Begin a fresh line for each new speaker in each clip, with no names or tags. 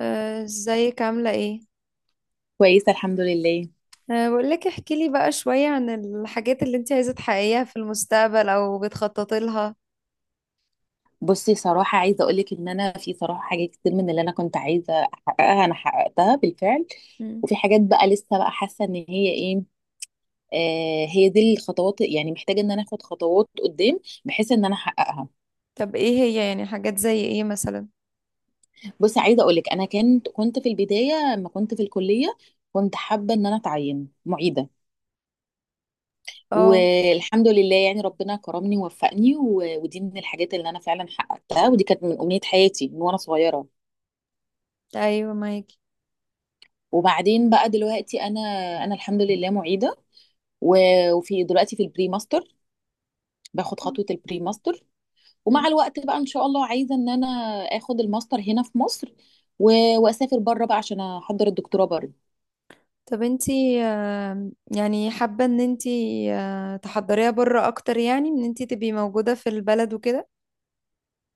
ازيك عاملة ايه؟
كويسه، الحمد لله.
بقولك احكي لي بقى شوية عن الحاجات اللي انت عايزة تحققيها في المستقبل او بتخططي لها.
بصي، صراحه عايزه اقولك ان انا في صراحه حاجات كتير من اللي انا كنت عايزه احققها، انا حققتها بالفعل.
مم.
وفي حاجات بقى لسه، بقى حاسه ان هي ايه. هي دي الخطوات، يعني محتاجه ان انا اخد خطوات قدام بحيث ان انا احققها.
طب ايه هي يعني حاجات زي ايه مثلا؟
بصي، عايزه اقولك انا كنت في البدايه لما كنت في الكليه، كنت حابه ان انا اتعين معيده.
اه،
والحمد لله، يعني ربنا كرمني ووفقني، ودي من الحاجات اللي انا فعلا حققتها، ودي كانت من امنيه حياتي من وانا صغيره.
ايوه معاكي.
وبعدين بقى دلوقتي، انا الحمد لله معيده، وفي دلوقتي في البري ماستر، باخد خطوه البري ماستر. ومع
مم.
الوقت بقى ان شاء الله عايزه ان انا اخد الماستر هنا في مصر، واسافر بره بقى عشان احضر الدكتوراه بره.
طب انتي يعني حابة ان انتي تحضريها بره اكتر يعني ان انتي تبقي موجودة في البلد وكده؟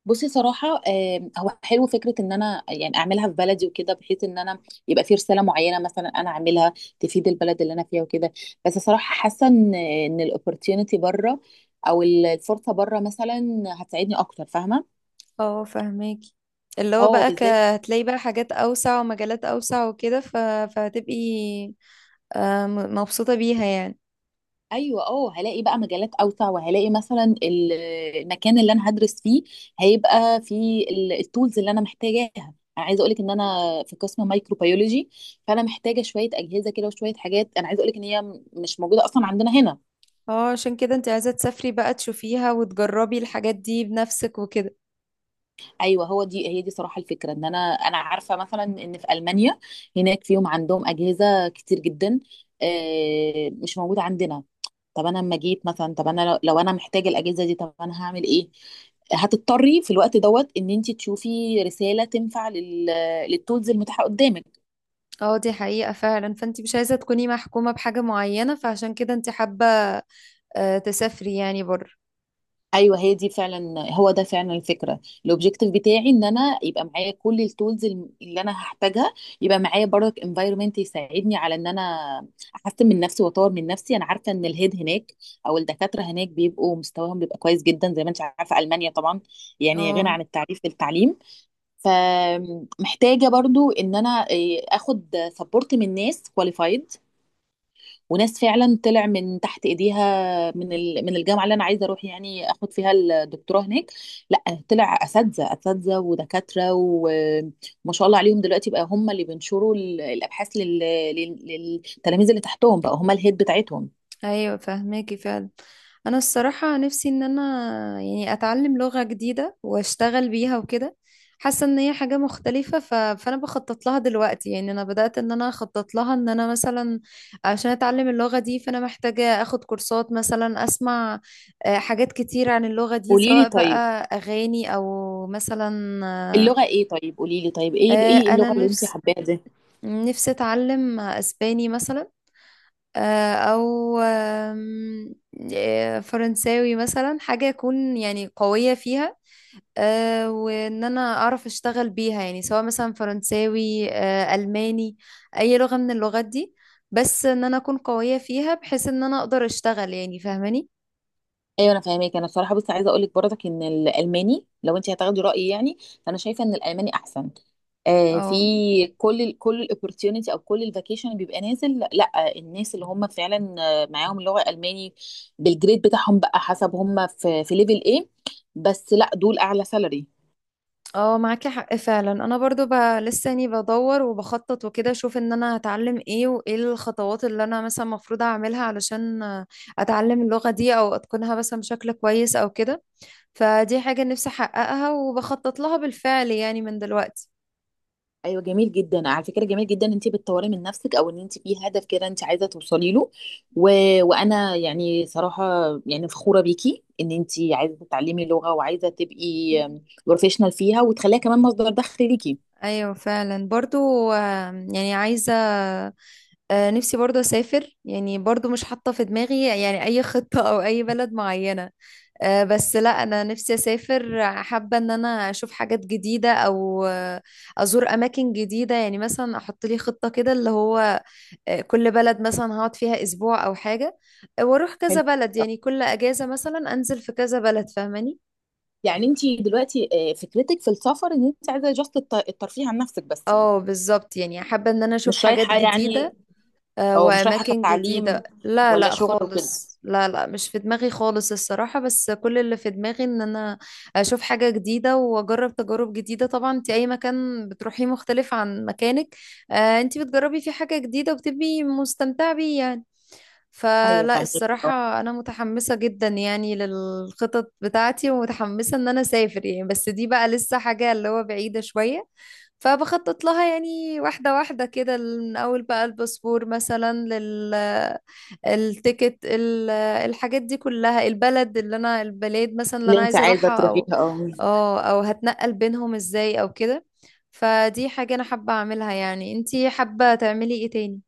بصي، صراحه هو حلو فكره ان انا يعني اعملها في بلدي وكده، بحيث ان انا يبقى في رساله معينه مثلا انا اعملها، تفيد البلد اللي انا فيها وكده. بس صراحه حاسه ان الاوبورتيونيتي بره، او الفرصه بره مثلا، هتساعدني اكتر. فاهمه.
اه، فهماكي. اللي هو
اه،
بقى
بالذات.
هتلاقي بقى حاجات اوسع ومجالات اوسع وكده فهتبقي مبسوطة بيها يعني.
ايوه، اه هلاقي بقى مجالات اوسع، وهلاقي مثلا المكان اللي انا هدرس فيه هيبقى فيه التولز اللي انا محتاجاها. انا عايزه اقولك ان انا في قسم مايكروبيولوجي، فانا محتاجه شويه اجهزه كده وشويه حاجات، انا عايزه اقولك ان هي مش موجوده اصلا عندنا هنا.
اه، عشان كده انت عايزة تسافري بقى تشوفيها وتجربي الحاجات دي بنفسك وكده.
ايوه، هو دي هي دي صراحه الفكره، ان انا، انا عارفه مثلا ان في المانيا هناك فيهم عندهم اجهزه كتير جدا، مش موجوده عندنا. طب انا لما جيت مثلا، طب انا لو انا محتاجه الاجهزه دي، طب انا هعمل ايه؟ هتضطري في الوقت دوت ان انت تشوفي رساله تنفع للتولز المتاحه قدامك.
اه، دي حقيقة فعلا، فانت مش عايزة تكوني محكومة بحاجة معينة، فعشان كده انت حابة تسافري يعني بره.
ايوه، هي دي فعلا هو ده فعلا الفكره. الاوبجيكتيف بتاعي ان انا يبقى معايا كل التولز اللي انا هحتاجها، يبقى معايا برضك انفايرمنت يساعدني على ان انا احسن من نفسي واطور من نفسي. انا عارفه ان الهيد هناك او الدكاتره هناك بيبقوا مستواهم بيبقى كويس جدا، زي ما انت عارفه، المانيا طبعا يعني غنى
اه،
عن التعريف في التعليم. فمحتاجه برضو ان انا اخد سبورت من ناس كواليفايد، وناس فعلا طلع من تحت ايديها، من الجامعه اللي انا عايزه اروح يعني اخد فيها الدكتوراه هناك. لا، طلع اساتذه ودكاتره، وما شاء الله عليهم، دلوقتي بقى هم اللي بينشروا الابحاث للتلاميذ اللي تحتهم، بقى هم الهيد بتاعتهم.
ايوه فهماكي فعلا. انا الصراحه نفسي ان انا يعني اتعلم لغه جديده واشتغل بيها وكده. حاسه ان هي حاجه مختلفه، فانا بخطط لها دلوقتي يعني. انا بدات ان انا اخطط لها ان انا مثلا عشان اتعلم اللغه دي، فانا محتاجه اخد كورسات، مثلا اسمع حاجات كتير عن اللغه دي
قولي لي
سواء
طيب،
بقى اغاني او مثلا آه،
اللغه ايه؟ طيب قولي لي طيب ايه ايه
انا
اللغه اللي انت حباها دي؟
نفسي اتعلم اسباني مثلا، او فرنساوي مثلا، حاجة اكون يعني قوية فيها، وان انا اعرف اشتغل بيها يعني، سواء مثلا فرنساوي الماني، اي لغة من اللغات دي، بس ان انا اكون قوية فيها بحيث ان انا اقدر اشتغل يعني فاهماني.
ايوه، انا فاهماك. انا بصراحه بس عايزه اقول لك برضك ان الالماني، لو انت هتاخدي رايي يعني، فانا شايفه ان الالماني احسن.
اه
في كل كل الاوبورتيونيتي او كل الفاكيشن اللي بيبقى نازل، لا، الناس اللي هم فعلا معاهم لغه الماني، بالجريد بتاعهم بقى حسب هم في ليفل ايه. بس لا، دول اعلى سالري.
اه، معاكي حق فعلا. انا برضو لساني بدور وبخطط وكده، اشوف ان انا هتعلم ايه وايه الخطوات اللي انا مثلا المفروض اعملها علشان اتعلم اللغة دي او اتقنها مثلا بشكل كويس او كده. فدي حاجة نفسي احققها وبخطط لها بالفعل يعني من دلوقتي.
ايوه، جميل جدا على فكره، جميل جدا ان انت بتطوري من نفسك، او ان انت في هدف كده انت عايزه توصلي له. و... وانا يعني صراحه يعني فخوره بيكي ان انت عايزه تتعلمي لغه وعايزه تبقي بروفيشنال فيها وتخليها كمان مصدر دخل ليكي.
ايوه فعلا برضو، يعني عايزة نفسي برضو أسافر يعني. برضو مش حاطة في دماغي يعني أي خطة أو أي بلد معينة، بس لا، أنا نفسي أسافر، حابة إن أنا أشوف حاجات جديدة أو أزور أماكن جديدة. يعني مثلا أحط لي خطة كده، اللي هو كل بلد مثلا هقعد فيها أسبوع أو حاجة، وأروح كذا
حلو.
بلد. يعني كل أجازة مثلا أنزل في كذا بلد، فاهماني؟
يعني انت دلوقتي فكرتك في السفر ان انت عايزه جاست الترفيه عن نفسك بس يعني،
اه بالظبط، يعني حابة ان انا اشوف
مش
حاجات
رايحه يعني،
جديدة
او مش رايحه
وأماكن
كتعليم
جديدة. لا
ولا
لا
شغل وكده.
خالص، لا لا مش في دماغي خالص الصراحة. بس كل اللي في دماغي إن أنا أشوف حاجة جديدة وأجرب تجارب جديدة. طبعا أنت أي مكان بتروحيه مختلف عن مكانك، أنت بتجربي فيه حاجة جديدة وبتبقي مستمتعة بيه يعني.
ايوه،
فلا،
فاهمك. اه،
الصراحة أنا متحمسة جدا يعني للخطط بتاعتي، ومتحمسة إن أنا أسافر يعني، بس دي بقى لسه حاجة اللي هو بعيدة شوية. فبخطط لها يعني واحدة واحدة كده، من أول بقى الباسبور مثلا، التيكت، الحاجات دي كلها، البلد اللي أنا البلاد مثلا اللي
اللي
أنا
انت
عايزة
عايزه
أروحها،
تروحيها،
أو
اه.
أو هتنقل بينهم إزاي أو كده. فدي حاجة أنا حابة أعملها يعني. أنتي حابة تعملي إيه تاني؟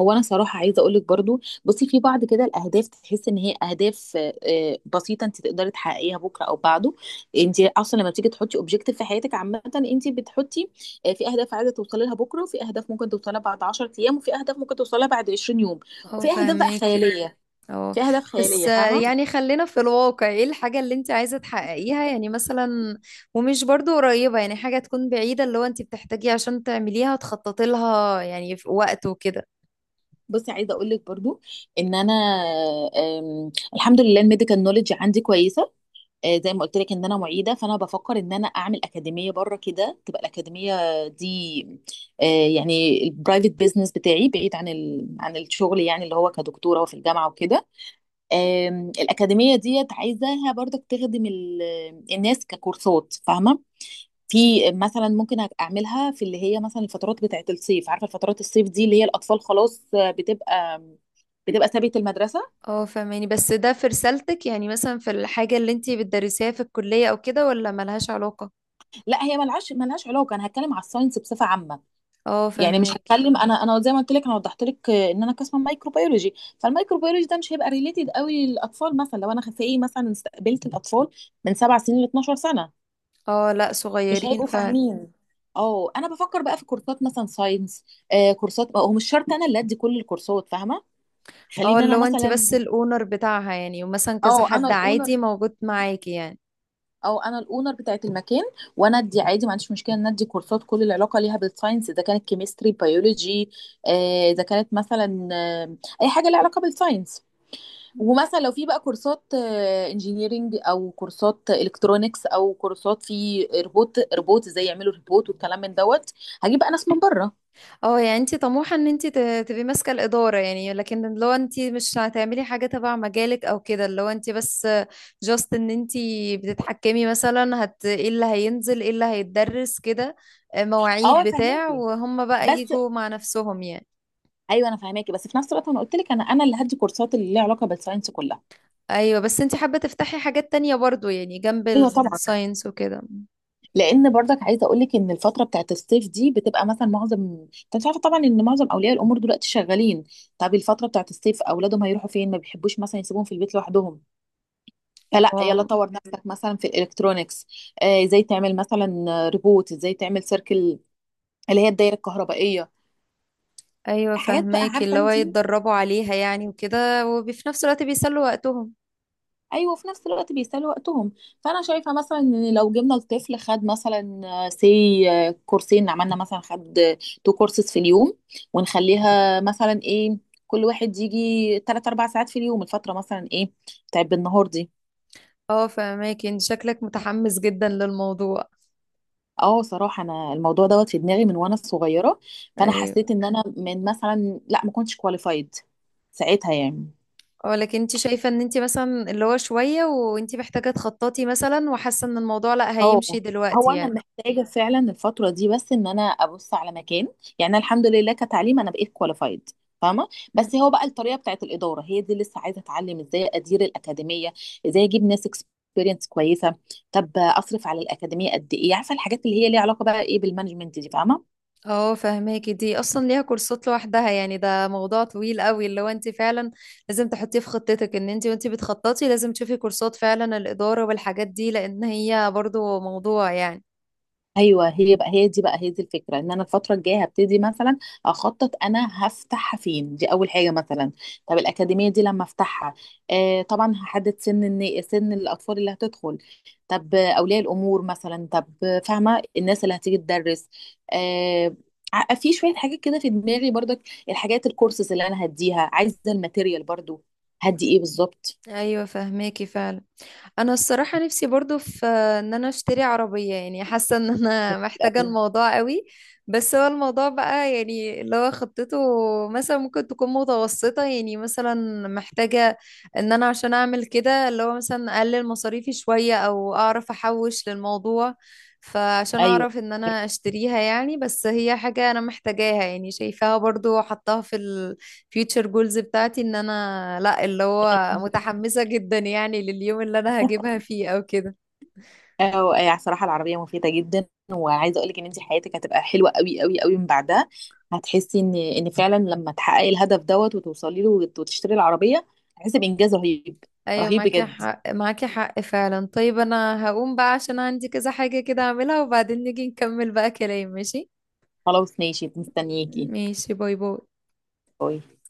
هو انا صراحه عايزه اقول لك برضو، بصي، في بعض كده الاهداف تحس ان هي اهداف بسيطه انت تقدري تحققيها بكره او بعده. انت اصلا لما بتيجي تحطي اوبجيكتيف في حياتك عامه، انت بتحطي في اهداف عايزه توصلي لها بكره، وفي اهداف ممكن توصلها بعد 10 ايام، وفي اهداف ممكن توصلها بعد 20 يوم،
اه،
وفي اهداف بقى
فهماك.
خياليه.
اه،
في اهداف
بس
خياليه. فاهمه.
يعني خلينا في الواقع، ايه الحاجة اللي انت عايزة تحققيها يعني، مثلا ومش برضو قريبة، يعني حاجة تكون بعيدة اللي هو انت بتحتاجيه عشان تعمليها تخططي لها يعني في وقت وكده.
بصي، عايزه اقول لك برضو ان انا الحمد لله الميديكال نولج عندي كويسه. زي ما قلت لك ان انا معيده، فانا بفكر ان انا اعمل اكاديميه بره كده. تبقى الاكاديميه دي آه، يعني البرايفت بيزنس بتاعي بعيد عن عن الشغل، يعني اللي هو كدكتوره وفي الجامعه وكده. الاكاديميه ديت عايزاها برضك تخدم الناس ككورسات. فاهمه. في مثلا ممكن اعملها في اللي هي مثلا الفترات بتاعت الصيف، عارفه الفترات الصيف دي اللي هي الاطفال خلاص بتبقى سابت المدرسه.
اه، فاهماني، بس ده في رسالتك يعني، مثلا في الحاجة اللي انت بتدرسيها في الكلية او كده، ولا ملهاش علاقة؟
لا، هي ملهاش علاقه، انا هتكلم على الساينس بصفه عامه.
اه،
يعني مش
فاهماك.
هتكلم انا، انا زي ما قلت لك، انا وضحت لك ان انا قسم مايكروبيولوجي، فالمايكروبيولوجي ده مش هيبقى ريليتد قوي للاطفال. مثلا لو انا خفي مثلا استقبلت الاطفال من سبع سنين ل 12 سنه،
اه، لا
مش
صغيرين
هيبقوا
فعلا.
فاهمين. اه، انا بفكر بقى في كورسات مثلا ساينس. آه، كورسات هو مش شرط انا اللي ادي كل الكورسات. فاهمه.
اه،
خليني
اللي
انا
هو انت بس
مثلا،
الاونر بتاعها يعني، ومثلا كذا
اه انا
حد عادي
الاونر
موجود معاكي يعني.
انا الاونر بتاعت المكان، وانا ادي عادي، ما عنديش مشكله ان ادي كورسات كل العلاقه ليها بالساينس، اذا كانت كيمستري بيولوجي، اذا كانت مثلا اي حاجه ليها علاقه بالساينس. ومثلا لو في بقى كورسات انجينيرينج، او كورسات الكترونكس، او كورسات في روبوت ازاي يعملوا روبوت والكلام من دوت، هجيب بقى ناس من بره.
اه، يعني انت طموحة ان انت تبقي ماسكة الإدارة يعني. لكن لو انت مش هتعملي حاجة تبع مجالك او كده، لو انت بس جاست ان انت بتتحكمي مثلا، ايه اللي هينزل ايه اللي هيتدرس كده، مواعيد
اه،
بتاع،
فهماكي
وهم بقى
بس.
يجوا مع نفسهم يعني.
ايوه انا فهماكي، بس في نفس الوقت انا قلت لك انا اللي هدي كورسات اللي ليها علاقه بالساينس كلها.
ايوه، بس انت حابة تفتحي حاجات تانية برضو يعني جنب
ايوه طبعا.
الساينس وكده.
لان برضك عايزه اقول لك ان الفتره بتاعت الصيف دي بتبقى مثلا معظم، انت مش عارفه طبعا ان معظم اولياء الامور دلوقتي شغالين. طب الفتره بتاعت الصيف اولادهم هيروحوا فين؟ ما بيحبوش مثلا يسيبوهم في البيت لوحدهم. فلا، يلا
اه،
طور نفسك مثلا في الالكترونيكس، ازاي تعمل مثلا ريبوت، ازاي تعمل سيركل اللي هي الدايره الكهربائيه،
ايوه
حاجات بقى
فهماكي،
عارفه
اللي هو
انت.
يتدربوا عليها يعني وكده، وفي نفس الوقت بيسلوا وقتهم.
ايوه، وفي نفس الوقت بيسالوا وقتهم. فانا شايفه مثلا ان لو جبنا الطفل خد مثلا سي كورسين، عملنا مثلا خد تو كورسز في اليوم، ونخليها مثلا ايه، كل واحد يجي 3 4 ساعات في اليوم، الفتره مثلا ايه بتاعت بالنهار دي.
اه، فهماكي، انت شكلك متحمس جدا للموضوع.
اه صراحه انا الموضوع دوت في دماغي من وانا صغيره، فانا
ايوه.
حسيت ان انا من مثلا، لا، ما كنتش كواليفايد ساعتها يعني.
اه، لكن انت شايفة ان انت مثلا اللي هو شوية وانت محتاجة تخططي مثلا، وحاسة ان الموضوع لا
اه،
هيمشي
هو
دلوقتي
انا
يعني.
محتاجه فعلا الفتره دي بس ان انا ابص على مكان، يعني أنا الحمد لله كتعليم انا بقيت كواليفايد. فاهمه. بس
مم.
هو بقى الطريقه بتاعت الاداره، هي دي لسه عايزه اتعلم ازاي ادير الاكاديميه، ازاي اجيب ناس اكسبيرينس كويسه، طب اصرف على الاكاديميه قد ايه، عارفه الحاجات اللي هي ليها علاقه بقى ايه بالمانجمنت دي. فاهمه.
اه، فهماكي، دي اصلا ليها كورسات لوحدها يعني. ده موضوع طويل قوي اللي هو انت فعلا لازم تحطيه في خطتك. ان انت وانت بتخططي لازم تشوفي كورسات فعلا الإدارة والحاجات دي، لان هي برضو موضوع يعني.
ايوه، هي بقى هي دي الفكره، ان انا الفتره الجايه هبتدي مثلا اخطط، انا هفتحها فين، دي اول حاجه مثلا. طب الاكاديميه دي لما افتحها، آه طبعا هحدد سن سن الاطفال اللي هتدخل. طب اولياء الامور مثلا، طب فاهمه الناس اللي هتيجي تدرس. آه، في شويه حاجات كده في دماغي برضك، الكورسز اللي انا هديها، عايزه الماتيريال برضو هدي ايه بالظبط.
ايوه، فهماكي فعلا. انا الصراحه نفسي برضو في ان انا اشتري عربيه يعني، حاسه ان انا محتاجه الموضوع قوي. بس هو الموضوع بقى يعني اللي هو خطته مثلا ممكن تكون متوسطه يعني، مثلا محتاجه ان انا عشان اعمل كده اللي هو مثلا اقلل مصاريفي شويه او اعرف احوش للموضوع، فعشان
ايوه.
اعرف ان انا اشتريها يعني. بس هي حاجه انا محتاجاها يعني، شايفاها برضو حطاها في future goals بتاعتي، ان انا لا اللي هو متحمسة جدا يعني لليوم اللي انا هجيبها فيه او كده.
أو يعني صراحة العربية مفيدة جدا، وعايزة أقولك إن أنت حياتك هتبقى حلوة قوي قوي قوي من بعدها. هتحسي إن فعلا لما تحققي الهدف دوت وتوصلي له وتشتري العربية، هتحسي بإنجاز رهيب.
ايوه
رهيب
معاكي
بجد.
حق، معاكي حق فعلا. طيب انا هقوم بقى عشان عندي كذا حاجة كده اعملها، وبعدين نيجي نكمل بقى كلام، ماشي؟
خلاص ماشي، مستنياكي.
ماشي، باي باي.
باي.